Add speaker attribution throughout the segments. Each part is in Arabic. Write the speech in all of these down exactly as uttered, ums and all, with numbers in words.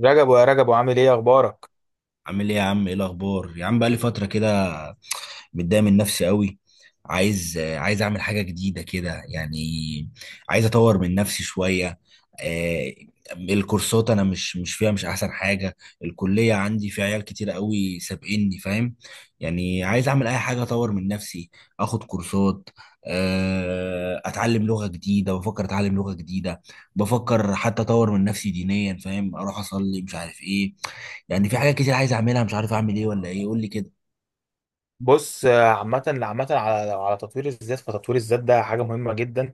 Speaker 1: رجب يا رجب وعامل ايه اخبارك؟
Speaker 2: عامل ايه يا عم؟ ايه الاخبار يا عم؟ بقى لي فتره كده. متضايق من نفسي قوي. عايز آه، عايز اعمل حاجه جديده كده يعني. عايز اطور من نفسي شويه. آه، الكورسات انا مش مش فيها مش احسن حاجه. الكليه عندي في عيال كتير قوي سابقني، فاهم؟ يعني عايز اعمل اي حاجه اطور من نفسي. اخد كورسات. آه، اتعلم لغه جديده بفكر اتعلم لغه جديده. بفكر حتى اطور من نفسي دينيا، فاهم، اروح اصلي مش عارف ايه. يعني في حاجات كتير عايز اعملها مش عارف اعمل ايه ولا ايه، قول لي كده.
Speaker 1: بص، آه، عامة عامة على على تطوير الذات، فتطوير الذات ده حاجة مهمة جدا.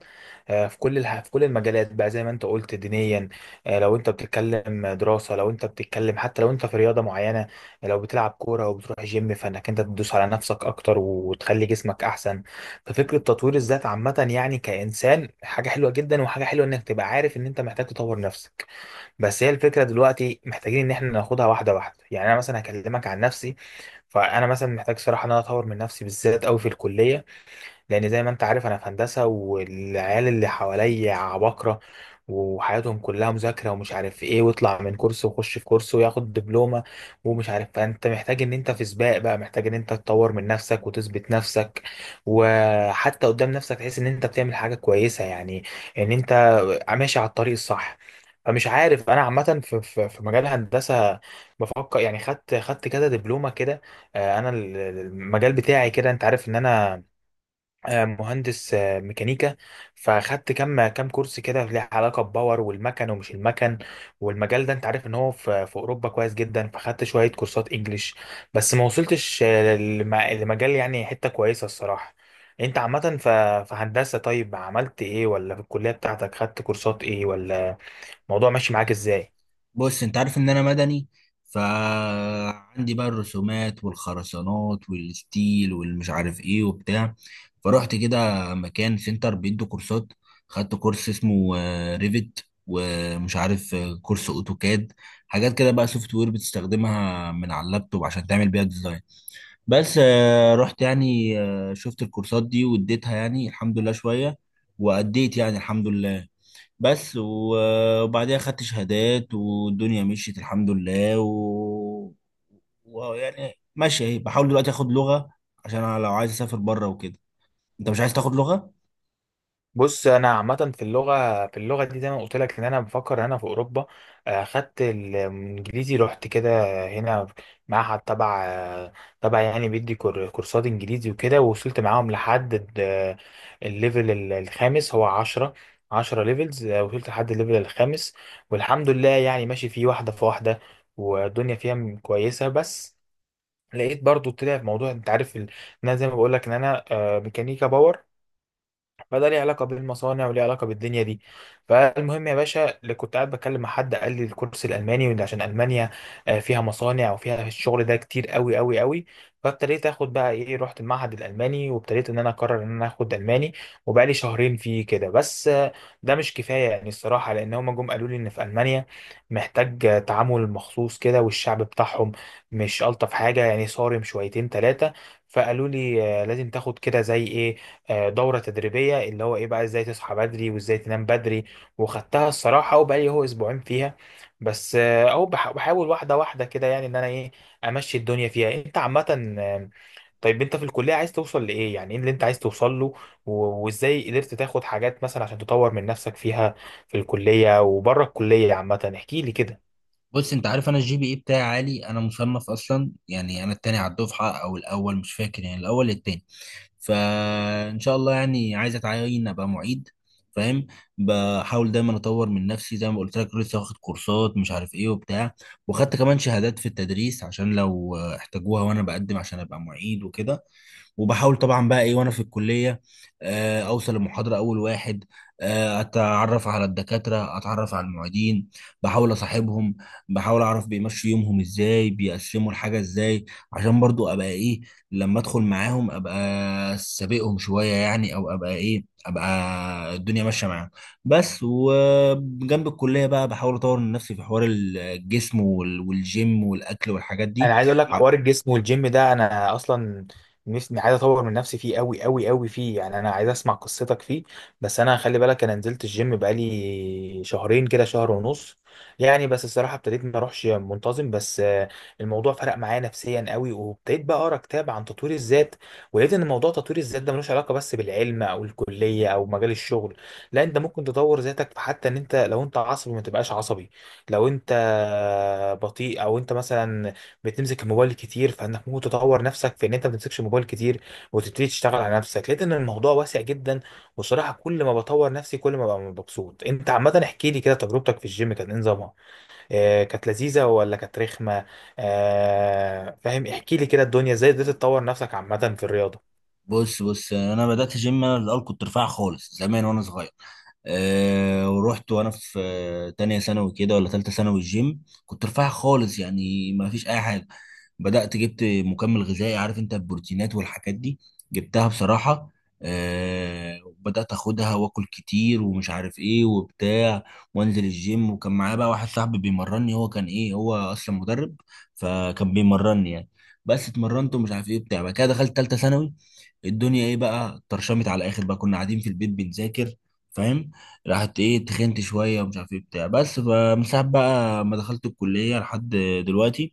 Speaker 1: آه، في كل الح- في كل المجالات بقى زي ما انت قلت دينيا. آه، لو انت بتتكلم دراسة، لو انت بتتكلم، حتى لو انت في رياضة معينة، لو بتلعب كورة او بتروح جيم، فانك انت تدوس على نفسك اكتر وتخلي جسمك احسن. ففكرة تطوير الذات عامة يعني كإنسان حاجة حلوة جدا، وحاجة حلوة انك تبقى عارف ان انت محتاج تطور نفسك. بس هي الفكرة دلوقتي محتاجين ان احنا ناخدها واحدة واحدة، يعني انا مثلا هكلمك عن نفسي. فانا مثلا محتاج صراحه ان انا اطور من نفسي بالذات قوي في الكليه، لان زي ما انت عارف انا في هندسه، والعيال اللي حواليا عباقره وحياتهم كلها مذاكره ومش عارف ايه، ويطلع من كورس ويخش في كورس وياخد دبلومه ومش عارف. فانت محتاج ان انت في سباق بقى، محتاج ان انت تطور من نفسك وتثبت نفسك، وحتى قدام نفسك تحس ان انت بتعمل حاجه كويسه، يعني ان انت ماشي على الطريق الصح. مش عارف، انا عامه في في في مجال الهندسه بفكر، يعني خدت خدت كده دبلومه كده. آه، انا ال- ال- المجال بتاعي كده، انت عارف ان انا آه، مهندس آه، ميكانيكا. فاخدت كام كام كورس كده له علاقه بباور والمكن ومش المكن. والمجال ده انت عارف ان هو في في اوروبا كويس جدا، فاخدت شويه كورسات انجليش بس ما وصلتش، آه، للم- لمجال يعني حته كويسه الصراحه. انت عامه ف- في هندسه، طيب عملت ايه؟ ولا في الكليه بتاعتك خدت كورسات ايه؟ ولا الموضوع ماشي معاك ازاي؟
Speaker 2: بص، انت عارف ان انا مدني. فعندي بقى الرسومات والخرسانات والستيل والمش عارف ايه وبتاع. فروحت كده مكان سنتر بيدوا كورسات. خدت كورس اسمه آه، ريفت، ومش عارف آه، كورس اوتوكاد. حاجات كده بقى سوفت وير بتستخدمها من على اللابتوب عشان تعمل بيها ديزاين. بس آه، رحت يعني، آه، شفت الكورسات دي واديتها يعني الحمد لله شوية. وأديت يعني الحمد لله. بس و- وبعديها خدت شهادات والدنيا مشيت الحمد لله. و... ويعني ماشي اهي. بحاول دلوقتي اخد لغة عشان انا لو عايز اسافر بره وكده. انت مش عايز تاخد لغة؟
Speaker 1: بص انا عامه في اللغه في اللغه دي زي ما قلت لك، ان انا بفكر إن انا في اوروبا. آه، خدت الانجليزي، رحت كده هنا معهد تبع، آه، تبع يعني بيدي كور- كورسات انجليزي وكده، ووصلت معاهم لحد ال- الليفل ال- الخامس. هو عشرة، عشرة ليفلز، آه، وصلت لحد الليفل الخامس، والحمد لله يعني ماشي فيه واحده في واحده، والدنيا فيها م- كويسه. بس لقيت برضو طلع في موضوع، انت عارف ال- ان انا زي ما بقول لك ان انا آه، ميكانيكا باور، فده ليه علاقة بالمصانع وليه علاقة بالدنيا دي. فالمهم يا باشا، اللي كنت قاعد بتكلم مع حد قال لي الكورس الألماني، وإن عشان ألمانيا آه، فيها مصانع وفيها الشغل ده كتير قوي قوي قوي. فابتديت اخد بقى ايه، رحت المعهد الألماني وابتديت ان انا اقرر ان انا اخد ألماني، وبقى لي شهرين فيه كده. بس آه، ده مش كفاية يعني الصراحة، لأن هما جم قالوا لي إن في ألمانيا محتاج آه، تعامل مخصوص كده، والشعب بتاعهم مش ألطف حاجة يعني، صارم شويتين تلاتة. فقالوا لي آه، لازم تاخد كده زي ايه، آه، دوره تدريبيه، اللي هو ايه بقى، ازاي تصحى بدري وازاي تنام بدري. وخدتها الصراحه، وبقالي هو اسبوعين فيها. بس آه، او بح- بحاول واحده واحده كده يعني، ان انا ايه، امشي الدنيا فيها. انت عامه، آه، طيب انت في الكليه عايز توصل لايه؟ يعني ايه اللي انت عايز توصل له و- وازاي قدرت تاخد حاجات مثلا عشان تطور من نفسك فيها، في الكليه وبره الكليه عامه؟ احكي لي كده.
Speaker 2: بص، انت عارف انا الجي بي اي بتاعي عالي، انا مصنف اصلا. يعني انا التاني على الدفعه او الاول مش فاكر، يعني الاول التاني. فان شاء الله يعني عايز اتعين ابقى معيد، فاهم. بحاول دايما اطور من نفسي زي ما قلت لك، لسه واخد كورسات مش عارف ايه وبتاع. وخدت كمان شهادات في التدريس عشان لو آه، احتاجوها وانا بقدم عشان ابقى معيد وكده. وبحاول طبعا بقى ايه وانا في الكليه، آه، اوصل المحاضره اول واحد. آه، اتعرف على الدكاتره، اتعرف على المعيدين. بحاول اصاحبهم. بحاول اعرف بيمشوا يومهم ازاي، بيقسموا الحاجه ازاي، عشان برضو ابقى ايه، لما ادخل معاهم ابقى سابقهم شويه يعني، او ابقى ايه، ابقى الدنيا ماشيه معاهم. بس وجنب الكليه بقى بحاول اطور من نفسي في حوار الجسم وال- والجيم والاكل والحاجات دي.
Speaker 1: انا عايز اقول لك، حوار الجسم والجيم ده انا اصلا نفسي عايز اطور من نفسي فيه قوي قوي قوي فيه، يعني انا عايز اسمع قصتك فيه. بس انا خلي بالك، انا نزلت الجيم بقالي شهرين كده، شهر ونص يعني. بس الصراحه ابتديت ما اروحش منتظم. بس آه، الموضوع فرق معايا نفسيا قوي، وابتديت بقى اقرا كتاب عن تطوير الذات. ولقيت ان موضوع تطوير الذات ده ملوش علاقه بس بالعلم او الكليه او مجال الشغل، لا، انت ممكن تطور ذاتك في حتى، ان انت لو انت عصبي ما تبقاش عصبي، لو انت بطيء، او انت مثلا بتمسك الموبايل كتير، فانك ممكن تطور نفسك في ان انت ما تمسكش الموبايل كتير، وتبتدي تشتغل على نفسك. لقيت ان الموضوع واسع جدا، وصراحه كل ما بطور نفسي كل ما ببقى مبسوط. انت عامه احكي لي كده، تجربتك في الجيم كانت إيه نظامها؟ آه كانت لذيذه ولا كانت رخمه؟ آه فاهم، احكي لي كده الدنيا ازاي قدرت تطور نفسك عامه في الرياضه.
Speaker 2: بص بص، انا بدات جيم. انا الاول كنت رفيع خالص زمان وانا صغير. أه ورحت وانا في آه، تانية ثانوي كده ولا تالتة ثانوي. الجيم كنت رفيع خالص يعني ما فيش اي حاجه. بدأت جبت مكمل غذائي، عارف انت، البروتينات والحاجات دي. جبتها بصراحة. آه بدأت اخدها واكل كتير ومش عارف ايه وبتاع. وانزل الجيم، وكان معايا بقى واحد صاحبي بيمرني، هو كان ايه، هو اصلا مدرب. فكان بيمرني يعني. بس اتمرنت ومش عارف ايه بتاع. بعد كده دخلت تالتة ثانوي، الدنيا ايه بقى، طرشمت على الاخر بقى، كنا قاعدين في البيت بنذاكر، فاهم. راحت ايه تخنت شويه ومش عارف ايه بتاع. بس فمن ساعه بقى ما دخلت الكليه لحد دلوقتي،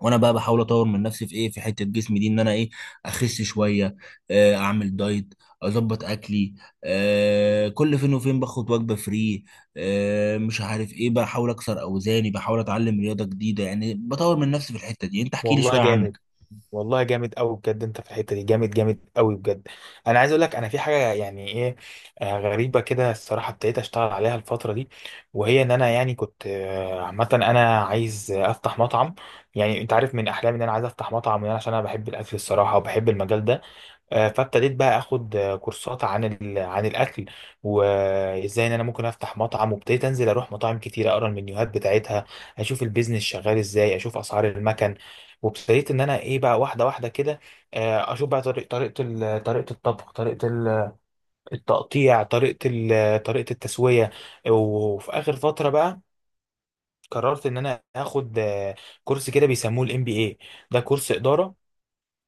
Speaker 2: وانا بقى بحاول اطور من نفسي في ايه، في حته جسمي دي، ان انا ايه، اخس شويه. آه، اعمل دايت. اظبط اكلي. آه، كل فين وفين باخد وجبه فري. آه، مش عارف ايه، بحاول اكسر اوزاني، بحاول اتعلم رياضه جديده يعني، بطور من نفسي في الحته دي. انت احكي لي
Speaker 1: والله
Speaker 2: شويه
Speaker 1: جامد،
Speaker 2: عنك.
Speaker 1: والله جامد قوي بجد، انت في الحته دي جامد جامد قوي بجد. انا عايز اقول لك، انا في حاجه يعني ايه، آه، غريبه كده الصراحه، ابتديت اشتغل عليها الفتره دي، وهي ان انا يعني كنت، آه، عامه انا عايز آه، افتح مطعم. يعني انت عارف من احلامي ان انا عايز افتح مطعم، يعني عشان انا بحب الاكل الصراحه وبحب المجال ده. آه، فابتديت بقى اخد آه، كورسات عن ال... عن الاكل، وازاي ان انا ممكن افتح مطعم. وابتديت انزل اروح مطاعم كتير، اقرا المنيوهات بتاعتها، اشوف البيزنس شغال ازاي، اشوف اسعار المكن. وابتديت ان انا ايه بقى، واحده واحده كده، آه، اشوف بقى طريق طريقه ال... طريقه الطبخ، طريقه ال- التقطيع، طريقه ال... طريقه التسويه. وفي اخر فتره بقى، قررت ان انا اخد آه، كورس كده بيسموه الام بي اي، ده كورس اداره.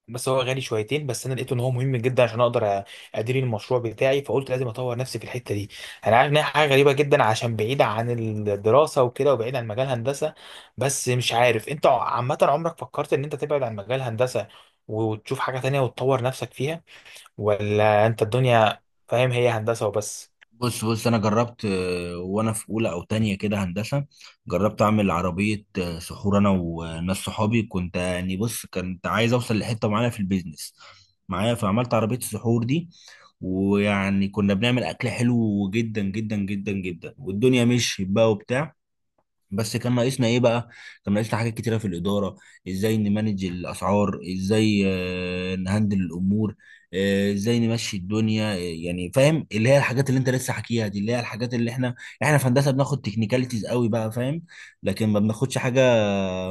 Speaker 1: بس هو غالي شويتين، بس انا لقيته ان هو مهم جدا عشان اقدر أ- ادير المشروع بتاعي. فقلت لازم اطور نفسي في الحته دي. انا عارف ان هي حاجه غريبه جدا عشان بعيده عن الدراسه وكده، وبعيد عن مجال هندسه. بس مش عارف، انت عامه عمرك فكرت ان انت تبعد عن مجال هندسه وتشوف حاجه تانية وتطور نفسك فيها؟ ولا انت الدنيا فاهم هي هندسه وبس؟
Speaker 2: بص بص، انا جربت آه، وانا في اولى او تانية كده هندسه. جربت اعمل عربيه آه، سحور، انا وناس صحابي. كنت يعني، بص، كنت عايز اوصل لحته معينه في البيزنس معايا، فعملت عربيه السحور دي. ويعني كنا بنعمل اكل حلو جدا جدا جدا جدا، والدنيا مشيت بقى وبتاع. بس كان ناقصنا ايه بقى، كان ناقصنا حاجات كتيره في الاداره. ازاي نمانج الاسعار، ازاي آه، نهندل الامور، آه، ازاي نمشي الدنيا، آه، يعني فاهم، اللي هي الحاجات اللي انت لسه حكيها دي، اللي هي الحاجات اللي احنا احنا في هندسه بناخد تكنيكاليتيز قوي بقى، فاهم. لكن ما بناخدش حاجه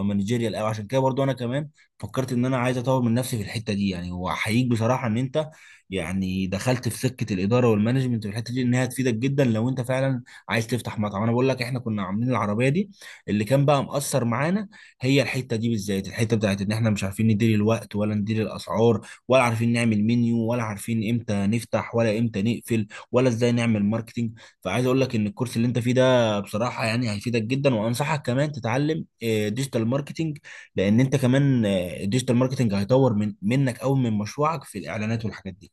Speaker 2: مانجيريال قوي. عشان كده برضو انا كمان فكرت ان انا عايز اطور من نفسي في الحته دي يعني. واحييك بصراحه ان انت يعني دخلت في سكه الاداره والمانجمنت، في الحته دي انها تفيدك جدا لو انت فعلا عايز تفتح مطعم. انا بقول لك، احنا كنا عاملين العربيه دي، اللي كان بقى مأثر معانا هي الحته دي بالذات، الحته بتاعت ان احنا مش عارفين ندير الوقت، ولا ندير الاسعار، ولا عارفين نعمل منيو، ولا عارفين امتى نفتح ولا امتى نقفل، ولا ازاي نعمل ماركتينج. فعايز اقول لك ان الكورس اللي انت فيه ده بصراحه يعني هيفيدك جدا. وانصحك كمان تتعلم ديجيتال ماركتينج، لان انت كمان الديجيتال ماركتينج هيطور من منك او من مشروعك في الاعلانات والحاجات دي.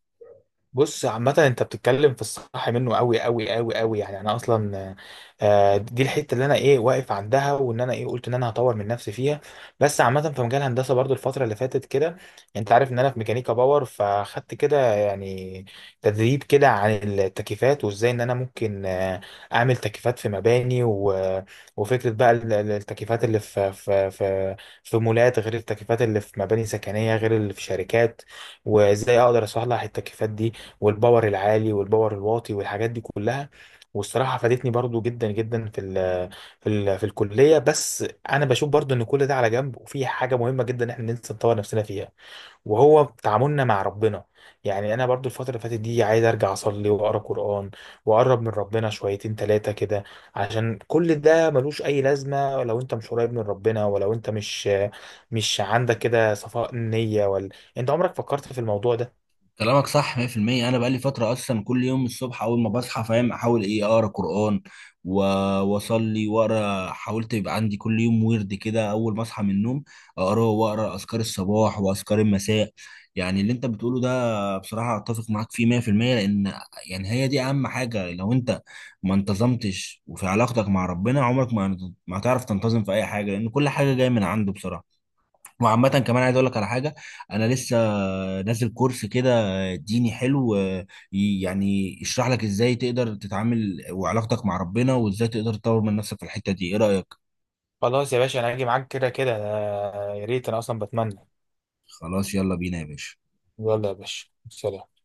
Speaker 1: بص عامة، انت بتتكلم في الصح منه قوي قوي قوي قوي، يعني انا اصلا آه، دي الحتة اللي انا ايه واقف عندها، وان انا ايه قلت ان انا هطور من نفسي فيها. بس عامة في مجال الهندسة برضو الفترة اللي فاتت كده، انت عارف ان انا في ميكانيكا باور، فاخدت كده يعني تدريب كده عن التكييفات، وازاي ان انا ممكن آه، اعمل تكييفات في مباني. و... وفكرة بقى ال- ال- التكييفات اللي في في في في مولات، غير التكييفات اللي في مباني سكنية، غير اللي في شركات. وازاي اقدر اصلح التكييفات دي، والباور العالي والباور الواطي والحاجات دي كلها. والصراحه فادتني برضو جدا جدا في ال في ال في الكليه. بس انا بشوف برضو ان كل ده على جنب، وفي حاجه مهمه جدا احنا ننسى نطور نفسنا فيها، وهو تعاملنا مع ربنا. يعني انا برضو الفتره اللي فاتت دي عايز ارجع اصلي واقرا قران، واقرب من ربنا شويتين ثلاثه كده، عشان كل ده ملوش اي لازمه لو انت مش قريب من ربنا، ولو انت مش مش عندك كده صفاء نيه ولا. انت عمرك فكرت في الموضوع ده؟
Speaker 2: كلامك صح مية في المية. انا بقالي فتره اصلا كل يوم الصبح، اول ما بصحى، فاهم، احاول ايه، اقرا قران و- واصلي واقرا. حاولت يبقى عندي كل يوم ورد كده اول ما اصحى من النوم، اقراه، واقرا اذكار الصباح واذكار المساء. يعني اللي انت بتقوله ده بصراحه اتفق معاك فيه مية في المية. لان يعني هي دي اهم حاجه، لو انت ما انتظمتش وفي علاقتك مع ربنا، عمرك ما ما هتعرف تنتظم في اي حاجه، لان كل حاجه جايه من عنده بصراحه. وعامة كمان عايز اقول لك على حاجة. انا لسه نازل كورس كده ديني حلو، آه، ي- يعني يشرح لك ازاي تقدر تتعامل وعلاقتك مع ربنا، وازاي تقدر تطور من نفسك في الحتة دي. ايه رأيك؟
Speaker 1: خلاص يا باشا، انا هاجي معاك كده كده، آه، يا ريت، انا اصلا بتمنى.
Speaker 2: خلاص، يلا بينا يا باشا.
Speaker 1: يلا يا باشا، سلام.